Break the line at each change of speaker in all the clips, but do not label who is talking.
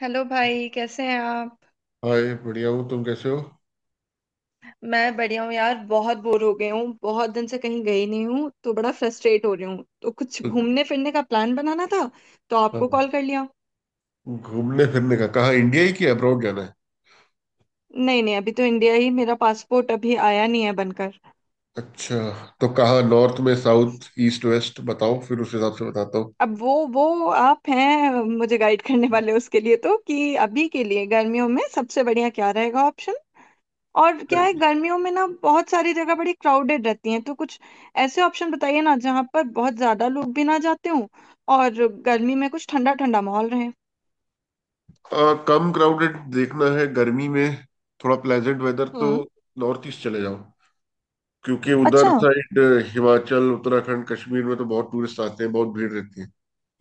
Hello भाई, कैसे हैं आप।
हाय, बढ़िया हूँ। तुम कैसे हो?
मैं बढ़िया हूँ यार, बहुत बोर हो गई हूँ। बहुत दिन से कहीं गई नहीं हूँ तो बड़ा फ्रस्ट्रेट हो रही हूँ, तो कुछ घूमने फिरने का प्लान बनाना था तो आपको कॉल
हाँ।
कर लिया।
घूमने फिरने का कहाँ, इंडिया ही कि अब्रॉड जाना है?
नहीं नहीं, अभी तो इंडिया ही। मेरा पासपोर्ट अभी आया नहीं है बनकर।
अच्छा। तो कहाँ, नॉर्थ में, साउथ, ईस्ट, वेस्ट? बताओ फिर उस हिसाब से बताता हूँ।
अब वो आप हैं मुझे गाइड करने वाले, उसके लिए तो। कि अभी के लिए गर्मियों में सबसे बढ़िया क्या रहेगा। और क्या है, गर्मियों में ना बहुत सारी जगह बड़ी क्राउडेड रहती हैं, तो कुछ ऐसे ऑप्शन बताइए ना जहाँ पर बहुत ज्यादा लोग भी ना जाते हों। और गर्मी में कुछ ठंडा ठंडा माहौल रहे।
कम क्राउडेड देखना है गर्मी में, थोड़ा प्लेजेंट वेदर तो।
हम्म।
नॉर्थ ईस्ट चले जाओ, क्योंकि उधर
अच्छा।
साइड हिमाचल, उत्तराखंड, कश्मीर में तो बहुत टूरिस्ट आते हैं, बहुत भीड़ रहती है।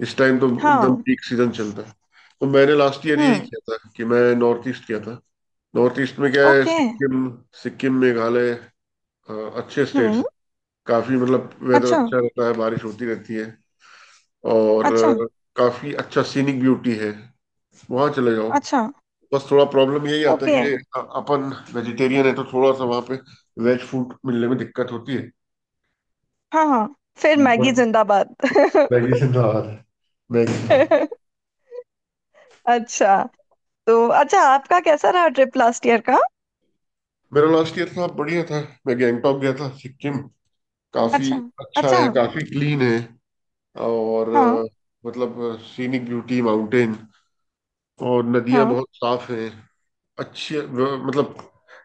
इस टाइम तो एकदम
हाँ।
पीक सीजन चलता है। तो मैंने लास्ट ईयर यही
हम्म।
किया था कि मैं नॉर्थ ईस्ट किया था। नॉर्थ ईस्ट में क्या है,
ओके।
सिक्किम, सिक्किम, मेघालय, अ, अच्छे स्टेट्स
हम्म।
हैं। काफी, मतलब वेदर
अच्छा।
अच्छा रहता है, बारिश होती रहती है। और
अच्छा।
काफी अच्छा सीनिक ब्यूटी है, वहां चले जाओ।
अच्छा।
बस थोड़ा प्रॉब्लम यही आता है
ओके।
कि अपन वेजिटेरियन है, तो थोड़ा सा वहां पे वेज फूड मिलने में दिक्कत होती है।
हाँ हाँ, फिर मैगी
बट
जिंदाबाद।
मैगी से नाराज है, मैगी था।
अच्छा, तो अच्छा आपका कैसा रहा ट्रिप लास्ट ईयर का।
मेरा लास्ट ईयर था, बढ़िया था। मैं गैंगटॉक गया था, सिक्किम। काफी
अच्छा।
अच्छा
अच्छा।
है, काफी क्लीन है। और
हाँ।
मतलब सीनिक ब्यूटी, माउंटेन और नदियां
हाँ।
बहुत साफ हैं। अच्छी मतलब,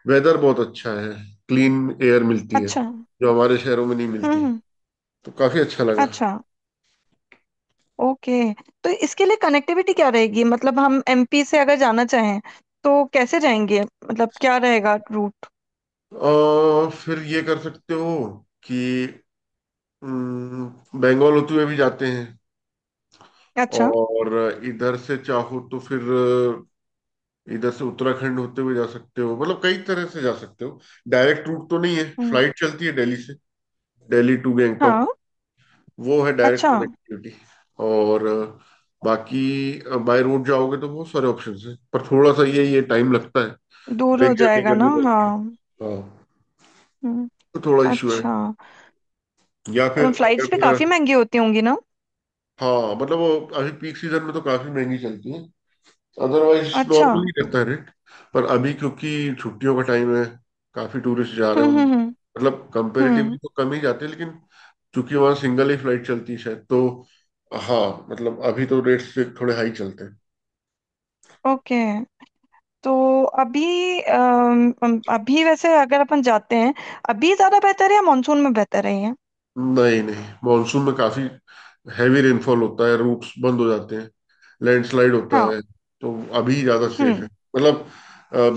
वेदर बहुत अच्छा है, क्लीन एयर मिलती है,
अच्छा।
जो हमारे शहरों में नहीं मिलती।
हम्म।
तो काफी अच्छा लगा।
अच्छा। ओके, तो इसके लिए कनेक्टिविटी क्या रहेगी, मतलब हम एमपी से अगर जाना चाहें तो कैसे जाएंगे, मतलब क्या रहेगा रूट।
और फिर ये कर सकते हो कि हम्म, बंगाल होते हुए भी जाते हैं।
अच्छा।
और इधर से चाहो तो फिर इधर से उत्तराखंड होते हुए जा सकते हो, मतलब कई तरह से जा सकते हो। डायरेक्ट रूट तो नहीं है,
हम्म।
फ्लाइट चलती है दिल्ली से, दिल्ली टू
हाँ।
गैंगटॉक, वो है डायरेक्ट
अच्छा,
कनेक्टिविटी। और बाकी बाय रोड जाओगे तो बहुत सारे ऑप्शंस हैं, पर थोड़ा सा ये टाइम लगता है,
दूर
ब्रेक
हो
जर्नी
जाएगा ना,
करनी पड़ती है।
हाँ।
हाँ,
हम्म।
तो थोड़ा इशू है।
अच्छा,
या फिर
फ्लाइट्स भी
अगर
काफी महंगी होती होंगी ना।
हाँ, मतलब वो अभी पीक सीजन में तो काफी महंगी चलती है, अदरवाइज
अच्छा।
नॉर्मल ही रहता है रेट। पर अभी क्योंकि छुट्टियों का टाइम है, काफी टूरिस्ट जा रहे होंगे।
हम्म।
मतलब कंपेरेटिवली
हम्म,
तो कम ही जाते हैं, लेकिन चूंकि वहाँ सिंगल ही फ्लाइट चलती है शायद, तो हाँ, मतलब अभी तो रेट्स थोड़े हाई चलते हैं।
ओके। तो अभी, अम, अम, अभी वैसे अगर अपन जाते हैं अभी ज्यादा बेहतर है या मानसून में बेहतर है ये?
नहीं, नहीं, मॉनसून में काफी हैवी रेनफॉल होता है, रूट्स बंद हो जाते हैं, लैंडस्लाइड होता
हाँ।
है। तो अभी ज्यादा सेफ है,
हम्म।
मतलब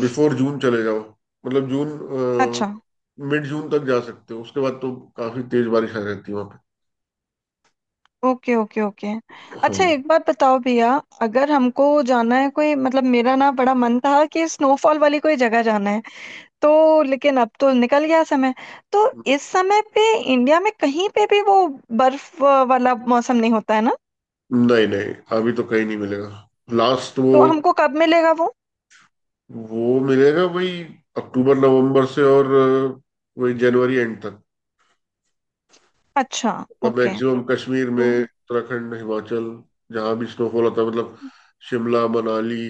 बिफोर जून चले जाओ, मतलब जून,
अच्छा।
मिड जून तक जा सकते हो, उसके बाद तो काफी तेज बारिश आ जाती है वहां पे।
Okay okay okay. अच्छा
हाँ।
एक बात बताओ भैया, अगर हमको जाना है कोई, मतलब मेरा ना बड़ा मन था कि स्नोफॉल वाली कोई जगह जाना है, तो लेकिन अब तो निकल गया समय। तो इस समय पे इंडिया में कहीं पे भी वो बर्फ वाला मौसम नहीं होता है ना।
नहीं, नहीं, अभी तो कहीं नहीं मिलेगा। लास्ट वो
तो हमको कब मिलेगा वो।
वो मिलेगा वही अक्टूबर नवंबर से, और वही जनवरी एंड तक।
अच्छा।
मतलब
ओके।
मैक्सिमम कश्मीर
तो
में,
हम्म।
उत्तराखंड, हिमाचल, जहाँ भी स्नोफॉल होता है, मतलब शिमला, मनाली,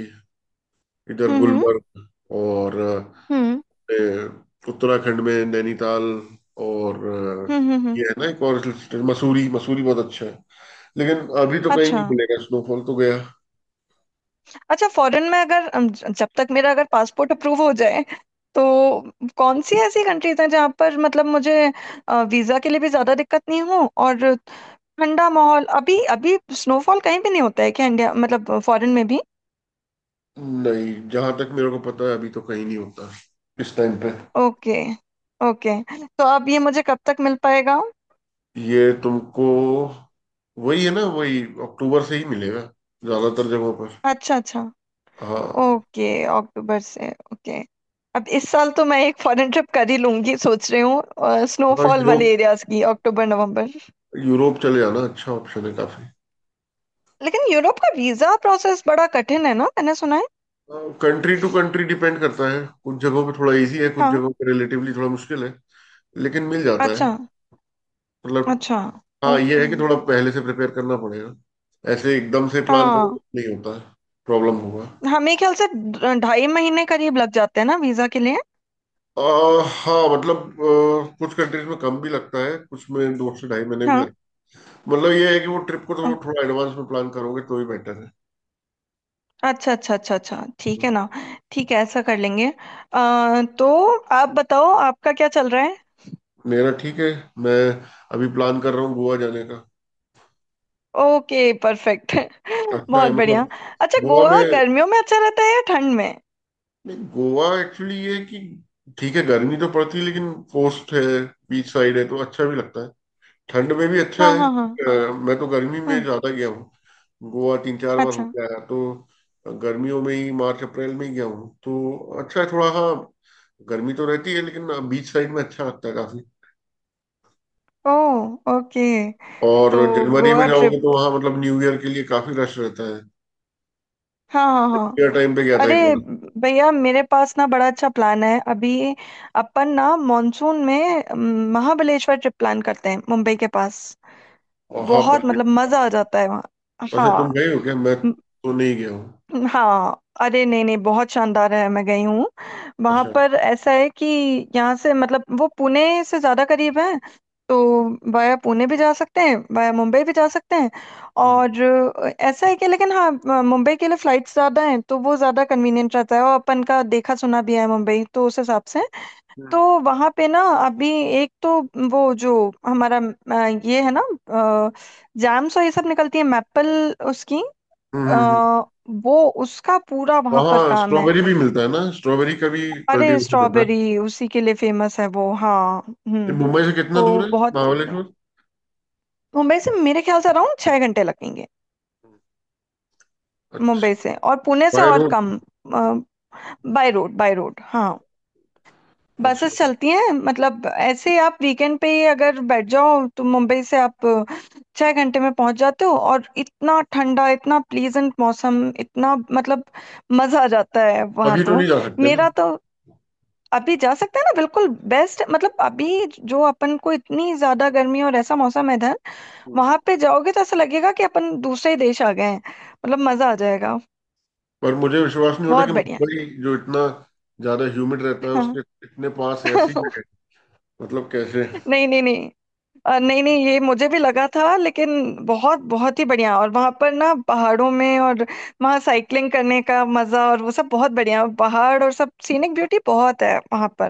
इधर
हम्म
गुलमर्ग, और
हम्म
ए, उत्तराखंड में नैनीताल, और
हम्म हम्म
ये
हम्म,
है ना, एक और हिल स्टेशन मसूरी। मसूरी बहुत अच्छा है, लेकिन अभी तो कहीं
अच्छा।
नहीं मिलेगा, स्नोफॉल तो गया।
अच्छा, फॉरेन में अगर जब तक मेरा अगर पासपोर्ट अप्रूव हो जाए तो कौन सी ऐसी कंट्रीज हैं जहाँ पर, मतलब मुझे वीजा के लिए भी ज्यादा दिक्कत नहीं हो, और ठंडा माहौल। अभी अभी स्नोफॉल कहीं भी नहीं होता है क्या, इंडिया मतलब, फॉरेन में भी।
नहीं, जहां तक मेरे को पता है, अभी तो कहीं नहीं होता इस टाइम पे।
ओके। ओके, तो अब ये मुझे कब तक मिल पाएगा।
ये तुमको वही है ना, वही अक्टूबर से ही मिलेगा ज्यादातर जगहों पर।
अच्छा अच्छा।
हाँ।
ओके। अक्टूबर से, ओके। अब इस साल तो मैं एक फॉरेन ट्रिप कर ही लूंगी, सोच रही हूँ
हाँ,
स्नोफॉल वाले
यूरोप,
एरियाज की अक्टूबर नवंबर।
यूरोप चले जाना अच्छा ऑप्शन है काफी।
लेकिन यूरोप का वीजा प्रोसेस बड़ा कठिन है ना, मैंने सुना है।
कंट्री टू कंट्री डिपेंड करता है, कुछ जगहों पे थोड़ा इजी है, कुछ
हाँ।
जगहों पे रिलेटिवली थोड़ा मुश्किल है, लेकिन मिल जाता है,
अच्छा।
मतलब
अच्छा।
हाँ, ये है
ओके।
कि थोड़ा पहले से प्रिपेयर करना पड़ेगा। ऐसे एकदम से प्लान
हाँ।
करोगे नहीं होता है, प्रॉब्लम होगा।
हाँ, मेरे ख्याल से ढाई महीने करीब लग जाते हैं ना वीजा के लिए।
हाँ, मतलब कुछ कंट्रीज में कम भी लगता है, कुछ में 2 से ढाई महीने भी
हाँ।
लगता है। मतलब ये है कि वो ट्रिप को
ओ-
थोड़ा थोड़ा एडवांस में प्लान करोगे तो ही बेटर है।
अच्छा अच्छा अच्छा अच्छा, ठीक है ना। ठीक है, ऐसा कर लेंगे। तो आप बताओ आपका क्या चल रहा है।
मेरा ठीक है। मैं अभी प्लान कर रहा हूँ गोवा जाने का।
Okay, perfect.
अच्छा है,
बहुत बढ़िया।
मतलब
अच्छा
गोवा
गोवा
में,
गर्मियों में अच्छा रहता है या ठंड में।
नहीं गोवा एक्चुअली ये है कि ठीक है, गर्मी तो पड़ती है लेकिन कोस्ट है, बीच साइड है तो अच्छा भी लगता है। ठंड में भी अच्छा
हाँ
है।
हाँ हाँ।
मैं तो गर्मी में
हम्म।
ज्यादा गया हूँ, गोवा तीन चार बार हो
अच्छा।
गया, तो गर्मियों में ही मार्च अप्रैल में ही गया हूँ तो। अच्छा है थोड़ा, हाँ, गर्मी तो रहती है लेकिन बीच साइड में अच्छा लगता है काफी।
ओ। ओके।
और
तो
जनवरी में
गोवा
जाओगे
ट्रिप।
तो वहाँ मतलब न्यू ईयर के लिए काफी रश रहता है,
हाँ हाँ
ईयर
हाँ।
टाइम पे गया था
अरे
एक बार।
भैया, मेरे पास ना बड़ा अच्छा प्लान है अभी। अपन ना मॉनसून में, महाबलेश्वर ट्रिप प्लान करते हैं, मुंबई के पास।
और हाँ,
बहुत,
पहले
मतलब मजा आ जाता है वहाँ।
अच्छा, तुम
हाँ
गए हो क्या? मैं तो नहीं गया हूँ।
हाँ। अरे नहीं नहीं, बहुत शानदार है, मैं गई हूँ। वहां
अच्छा।
पर ऐसा है कि यहाँ से, मतलब वो पुणे से ज्यादा करीब है, तो वाया पुणे भी जा सकते हैं, वाया मुंबई भी जा सकते हैं।
हम्म,
और ऐसा है कि, लेकिन हाँ, मुंबई के लिए फ्लाइट्स ज्यादा हैं तो वो ज्यादा कन्वीनियंट रहता है, और अपन का देखा सुना भी है मुंबई तो, उस हिसाब से। तो वहां पे ना अभी, एक तो वो जो हमारा ये है ना, जैम्स और ये सब निकलती है मैपल उसकी।
हम्म,
अ, वो उसका पूरा वहां पर
वहाँ
काम है।
स्ट्रॉबेरी भी मिलता है ना, स्ट्रॉबेरी का भी
अरे
कल्टीवेशन होता है।
स्ट्रॉबेरी उसी के लिए फेमस है वो, हाँ।
ये
हम्म।
मुंबई से कितना दूर
तो
है
बहुत ही बढ़िया।
महाबलेश्वर?
मुंबई से मेरे ख्याल से अराउंड 6 घंटे लगेंगे। मुंबई
अच्छा,
से, और पुणे से
बाय
और
रोड?
कम। बाय रोड, बाय रोड हाँ।
अच्छा,
बसेस चलती हैं, मतलब ऐसे आप वीकेंड पे ही अगर बैठ जाओ तो मुंबई से आप 6 घंटे में पहुंच जाते हो, और इतना ठंडा, इतना प्लीजेंट मौसम, इतना मतलब, मजा आ जाता है वहां
अभी तो नहीं
तो।
जा सकते ना?
मेरा तो, अभी जा सकते हैं ना बिल्कुल। बेस्ट, मतलब अभी जो अपन को इतनी ज्यादा गर्मी और ऐसा मौसम है इधर,
हम्म।
वहां पे जाओगे तो ऐसा लगेगा कि अपन दूसरे ही देश आ गए हैं। मतलब मजा आ जाएगा।
पर मुझे विश्वास नहीं होता
बहुत
कि
बढ़िया।
मुंबई जो इतना ज्यादा ह्यूमिड रहता है,
हाँ।
उसके इतने पास ऐसी जगह है। मतलब कैसे?
नहीं नहीं नहीं, नहीं नहीं, ये मुझे भी लगा था लेकिन बहुत, बहुत ही बढ़िया। और वहां पर ना पहाड़ों में, और वहाँ साइकिलिंग करने का मजा, और वो सब बहुत बढ़िया, पहाड़ और सब सीनिक ब्यूटी बहुत है वहां पर।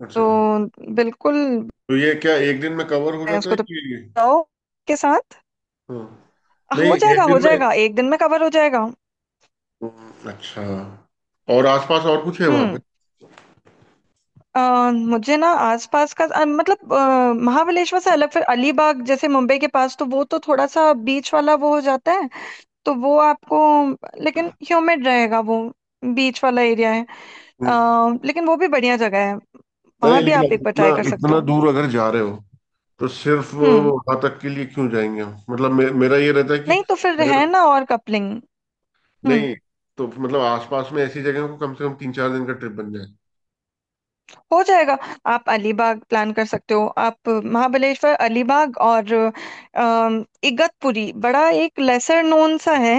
अच्छा,
तो बिल्कुल।
तो ये क्या एक दिन में कवर हो
मैं
जाता है
उसको तो
कि?
बताओ के साथ,
हाँ, नहीं,
हो
एक
जाएगा हो
दिन में।
जाएगा, एक दिन में कवर हो जाएगा।
अच्छा। और आसपास और कुछ है वहां पे?
हम्म। मुझे ना आसपास का, मतलब महाबलेश्वर से अलग, फिर अलीबाग जैसे मुंबई के पास, तो वो तो थोड़ा सा बीच वाला वो हो जाता है, तो वो आपको, लेकिन ह्यूमिड रहेगा वो, बीच वाला एरिया है। अ,
हम्म।
लेकिन वो भी बढ़िया जगह है,
नहीं,
वहां भी
लेकिन
आप
अब
एक बार
इतना,
ट्राई कर सकते
इतना
हो।
दूर अगर जा रहे हो, तो सिर्फ
हम्म।
वहां तक के लिए क्यों जाएंगे हम, मतलब मेरा ये रहता है कि
नहीं तो फिर है
अगर
ना और कपलिंग
नहीं, तो मतलब आसपास में ऐसी जगह को कम से कम 3-4 दिन का ट्रिप बन जाए।
हो जाएगा। आप अलीबाग प्लान कर सकते हो, आप महाबलेश्वर अलीबाग, और इगतपुरी, बड़ा एक लेसर नोन सा है,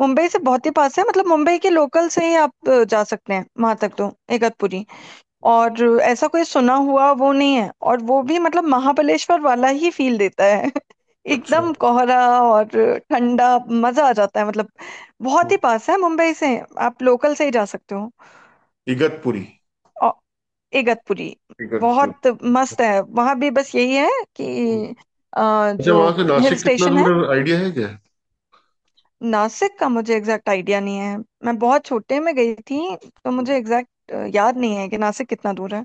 मुंबई से बहुत ही पास है, मतलब मुंबई के लोकल से ही आप जा सकते हैं वहां तक, तो इगतपुरी। और ऐसा कोई सुना हुआ वो नहीं है, और वो भी मतलब महाबलेश्वर वाला ही फील देता है।
अच्छा।
एकदम कोहरा और ठंडा, मजा आ जाता है मतलब। बहुत
हम्म।
ही पास है मुंबई से, आप लोकल से ही जा सकते हो।
इगतपुरी,
इगतपुरी।
इगतपुरी।
बहुत
अच्छा।
मस्त है वहां भी। बस यही है कि,
हम्म। अच्छा,
जो
वहां से
हिल
नासिक कितना
स्टेशन है।
दूर है, आइडिया है क्या?
नासिक का मुझे एग्जैक्ट आइडिया नहीं है, मैं बहुत छोटे में गई थी, तो मुझे एग्जैक्ट याद नहीं है कि नासिक कितना दूर है।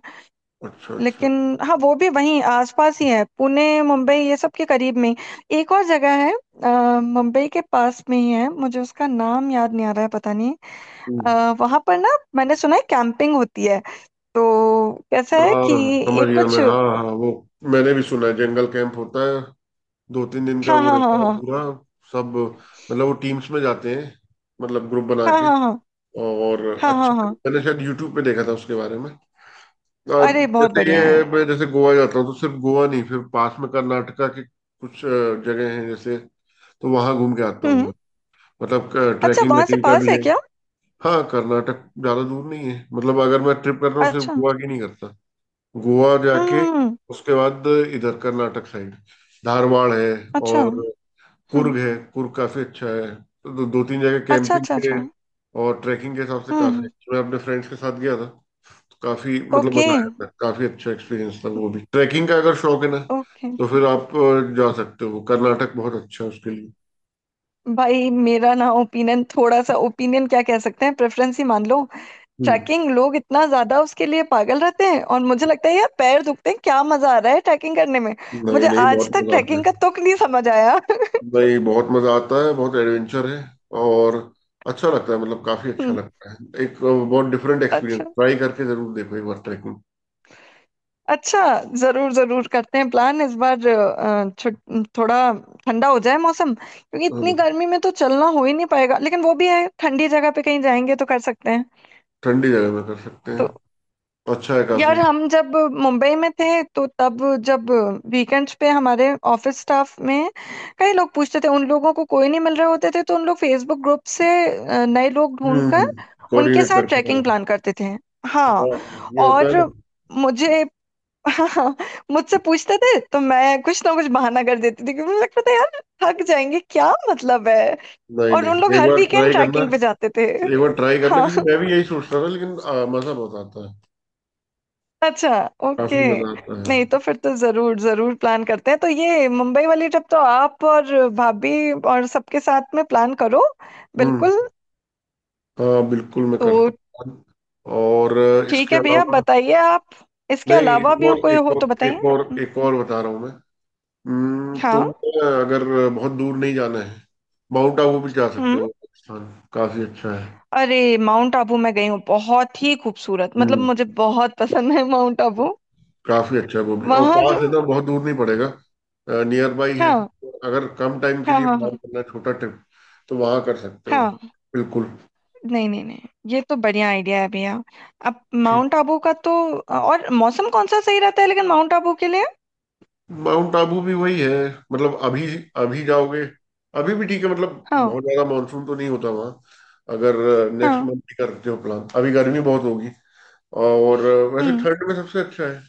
अच्छा, अच्छा।
लेकिन हाँ, वो भी वहीं आसपास ही है, पुणे मुंबई ये सब के करीब में। एक और जगह है मुंबई के पास में ही है, मुझे उसका नाम याद नहीं आ रहा है, पता नहीं।
हम्म।
वहां पर ना मैंने सुना है कैंपिंग होती है, तो कैसा है कि,
हाँ, समझ
एक
गया
कुछ।
मैं। हाँ हाँ, वो मैंने भी सुना है, जंगल कैंप होता है, 2-3 दिन का
हाँ
वो
हाँ
रहता
हाँ
है
हाँ।
पूरा। सब, मतलब वो टीम्स में जाते हैं, मतलब ग्रुप बना
हाँ
के।
हाँ हाँ
और
हाँ हाँ
अच्छा,
हाँ।
मैंने शायद यूट्यूब पे देखा था उसके बारे में। अब
अरे बहुत
जैसे ये
बढ़िया है।
है, मैं जैसे गोवा जाता हूँ तो सिर्फ गोवा नहीं, फिर पास में कर्नाटका के कुछ जगह हैं, जैसे तो वहां घूम के आता
हम्म।
हूँ मैं। मतलब
अच्छा,
ट्रैकिंग
वहां से
वैकिंग का
पास
भी
है
है।
क्या।
हाँ, कर्नाटक ज्यादा दूर नहीं है, मतलब अगर मैं ट्रिप कर रहा हूँ सिर्फ
अच्छा।
गोवा की नहीं करता। गोवा जाके
हम्म।
उसके बाद इधर कर्नाटक साइड, धारवाड़ है,
अच्छा।
और
हम्म।
कुर्ग है, कुर्ग काफी अच्छा है। तो दो तीन जगह
अच्छा
कैंपिंग
अच्छा
के
अच्छा।
और ट्रैकिंग के हिसाब से काफी
हम्म।
अच्छा। मैं अपने फ्रेंड्स के साथ गया था, काफी मतलब
ओके।
मजा आया था, काफी अच्छा एक्सपीरियंस था वो भी ट्रैकिंग का, अगर शौक है ना,
ओके।
तो फिर आप जा सकते हो, कर्नाटक बहुत अच्छा है उसके लिए।
भाई मेरा ना ओपिनियन, थोड़ा सा ओपिनियन क्या, कह सकते हैं प्रेफरेंस ही मान लो।
हम्म।
ट्रैकिंग लोग इतना ज्यादा उसके लिए पागल रहते हैं, और मुझे लगता है यार पैर दुखते हैं, क्या मजा आ रहा है ट्रैकिंग करने में।
नहीं,
मुझे
नहीं,
आज
बहुत
तक
मजा आता
ट्रैकिंग का
है।
तुक नहीं समझ आया।
नहीं, बहुत मजा आता है, बहुत एडवेंचर है, और अच्छा लगता है, मतलब काफी अच्छा
हम्म,
लगता है। एक बहुत डिफरेंट एक्सपीरियंस,
अच्छा।
ट्राई करके जरूर देखो एक बार ट्रैकिंग।
अच्छा। जरूर जरूर, करते हैं प्लान इस बार। थोड़ा ठंडा हो जाए मौसम, क्योंकि इतनी
हाँ,
गर्मी में तो चलना हो ही नहीं पाएगा, लेकिन वो भी है ठंडी जगह पे कहीं जाएंगे तो कर सकते हैं।
ठंडी जगह में कर सकते
तो
हैं, अच्छा है
यार
काफी।
हम जब मुंबई में थे तो तब, जब वीकेंड्स पे हमारे ऑफिस स्टाफ में कई लोग पूछते थे, उन लोगों को कोई नहीं मिल रहे होते थे तो उन लोग फेसबुक ग्रुप से नए लोग ढूंढ कर
हम्म।
उनके
कोऑर्डिनेट
साथ
करके, हाँ।
ट्रैकिंग प्लान करते थे।
हाँ,
हाँ।
ये होता है
और
ना।
मुझे, हाँ, मुझसे पूछते थे तो मैं कुछ ना कुछ बहाना कर देती थी, क्योंकि मुझे लगता था यार थक जाएंगे, क्या मतलब है।
नहीं,
और
नहीं,
उन लोग
एक
हर
बार
वीकेंड
ट्राई करना।
ट्रैकिंग पे जाते थे।
एक बार ट्राई करना,
हाँ।
क्योंकि मैं भी यही सोच रहा था, लेकिन मजा बहुत आता है,
अच्छा।
काफी
ओके।
मजा आता है।
नहीं तो फिर तो जरूर जरूर प्लान करते हैं। तो ये मुंबई वाली ट्रिप तो आप और भाभी और सबके साथ में प्लान करो,
हम्म।
बिल्कुल।
हाँ, बिल्कुल, मैं
तो
करता हूँ। और
ठीक
इसके
है भैया,
अलावा
बताइए आप इसके
नहीं,
अलावा
एक
भी
और
कोई
एक
हो
और
तो बताइए।
एक और
हम्म,
एक और बता रहा हूँ मैं।
हाँ।
तुम अगर बहुत दूर नहीं जाना है, माउंट आबू भी जा सकते
हम्म।
हो। वो स्थान काफी अच्छा है।
अरे माउंट आबू मैं गई हूँ, बहुत ही खूबसूरत, मतलब
हम्म।
मुझे बहुत पसंद है माउंट आबू।
काफी अच्छा है वो भी, और
वहां जो,
पास है ना, बहुत दूर नहीं पड़ेगा, नियर बाई है।
हाँ।
अगर कम टाइम के
हाँ
लिए
हाँ
प्लान
हाँ।
करना है, छोटा ट्रिप, तो वहां कर सकते हो,
हाँ
बिल्कुल।
नहीं नहीं नहीं, ये तो बढ़िया आइडिया है भैया। अब माउंट आबू का तो, और मौसम कौन सा सही रहता है लेकिन माउंट आबू के लिए।
माउंट आबू भी वही है, मतलब अभी, अभी जाओगे अभी भी ठीक है, मतलब
हाँ।
बहुत ज्यादा मानसून तो नहीं होता वहाँ। अगर नेक्स्ट
हाँ।
मंथ भी करते हो प्लान, अभी गर्मी बहुत होगी। और वैसे
हम्म।
ठंड में सबसे अच्छा है।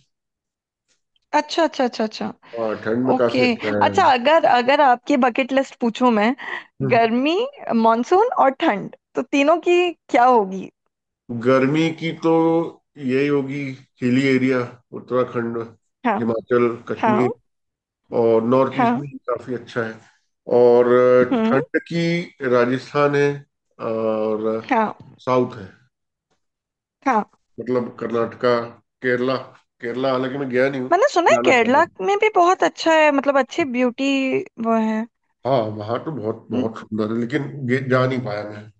अच्छा अच्छा अच्छा अच्छा।
हाँ, ठंड में काफी
ओके।
अच्छा है।
अच्छा, अगर अगर आपकी बकेट लिस्ट पूछूं मैं,
हम्म।
गर्मी मानसून और ठंड तो तीनों की क्या होगी।
गर्मी की तो यही होगी, हिली एरिया, उत्तराखंड,
हाँ।
हिमाचल,
हाँ।
कश्मीर, और नॉर्थ ईस्ट
हाँ।
भी काफी अच्छा है। और
हम्म।
ठंड की राजस्थान है, और
हाँ।
साउथ है,
हाँ,
मतलब कर्नाटका, केरला। केरला हालांकि मैं गया नहीं हूँ,
मैंने सुना है
जाना चाहता
केरला
हूँ।
में भी बहुत अच्छा है, मतलब अच्छे ब्यूटी वो है।
हाँ, वहां तो बहुत बहुत सुंदर है, लेकिन जा नहीं पाया मैं,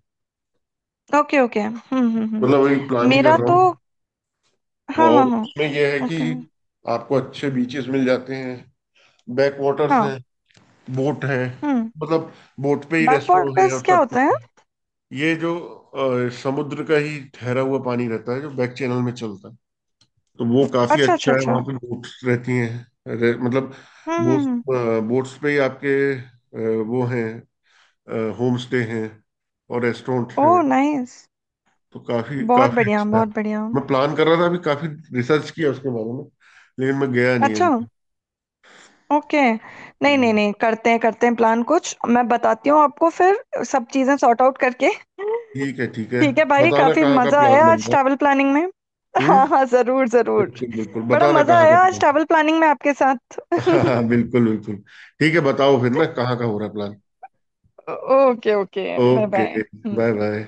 ओके ओके। हम्म।
मतलब वही
हम्म,
प्लान ही कर
मेरा
रहा
तो,
हूँ।
हाँ
और
हाँ हाँ।
उसमें यह है कि
ओके।
आपको अच्छे बीचेस मिल जाते हैं, बैक वाटर्स
हाँ।
हैं, बोट है,
हम्म।
मतलब बोट पे ही
बैक
रेस्टोरेंट है
वाटर्स
और
क्या
सब कुछ।
होता है।
ये जो समुद्र का ही ठहरा हुआ पानी रहता है, जो बैक चैनल में चलता है, तो वो काफी
अच्छा अच्छा
अच्छा है।
अच्छा।
वहां पे
हम्म।
बोट्स रहती हैं, मतलब बोट्स
हम्म।
बोट्स पे ही आपके वो हैं, होम स्टे हैं और रेस्टोरेंट हैं,
ओह नाइस।
तो काफी
बहुत
काफी
बढ़िया,
अच्छा है।
बहुत बढ़िया।
मैं प्लान कर रहा था, अभी काफी रिसर्च किया उसके बारे में, लेकिन मैं गया नहीं
अच्छा।
अभी तक।
ओके। नहीं
हम्म,
नहीं नहीं, करते हैं करते हैं प्लान कुछ, मैं बताती हूँ आपको फिर, सब चीज़ें सॉर्ट आउट करके। ठीक
ठीक है, ठीक है।
है भाई,
बताना
काफी
कहाँ का
मजा
प्लान
आया
बन
आज
रहा
ट्रैवल प्लानिंग में।
है। हम्म।
हाँ हाँ, जरूर जरूर।
बिल्कुल, बिल्कुल,
बड़ा
बताना
मजा
कहाँ का
आया आज
प्लान।
ट्रैवल प्लानिंग में आपके साथ।
हाँ हाँ, बिल्कुल, बिल्कुल, ठीक है, बताओ फिर ना, कहाँ का हो रहा है plan?
Okay okay, bye
okay,
bye.
Bye bye.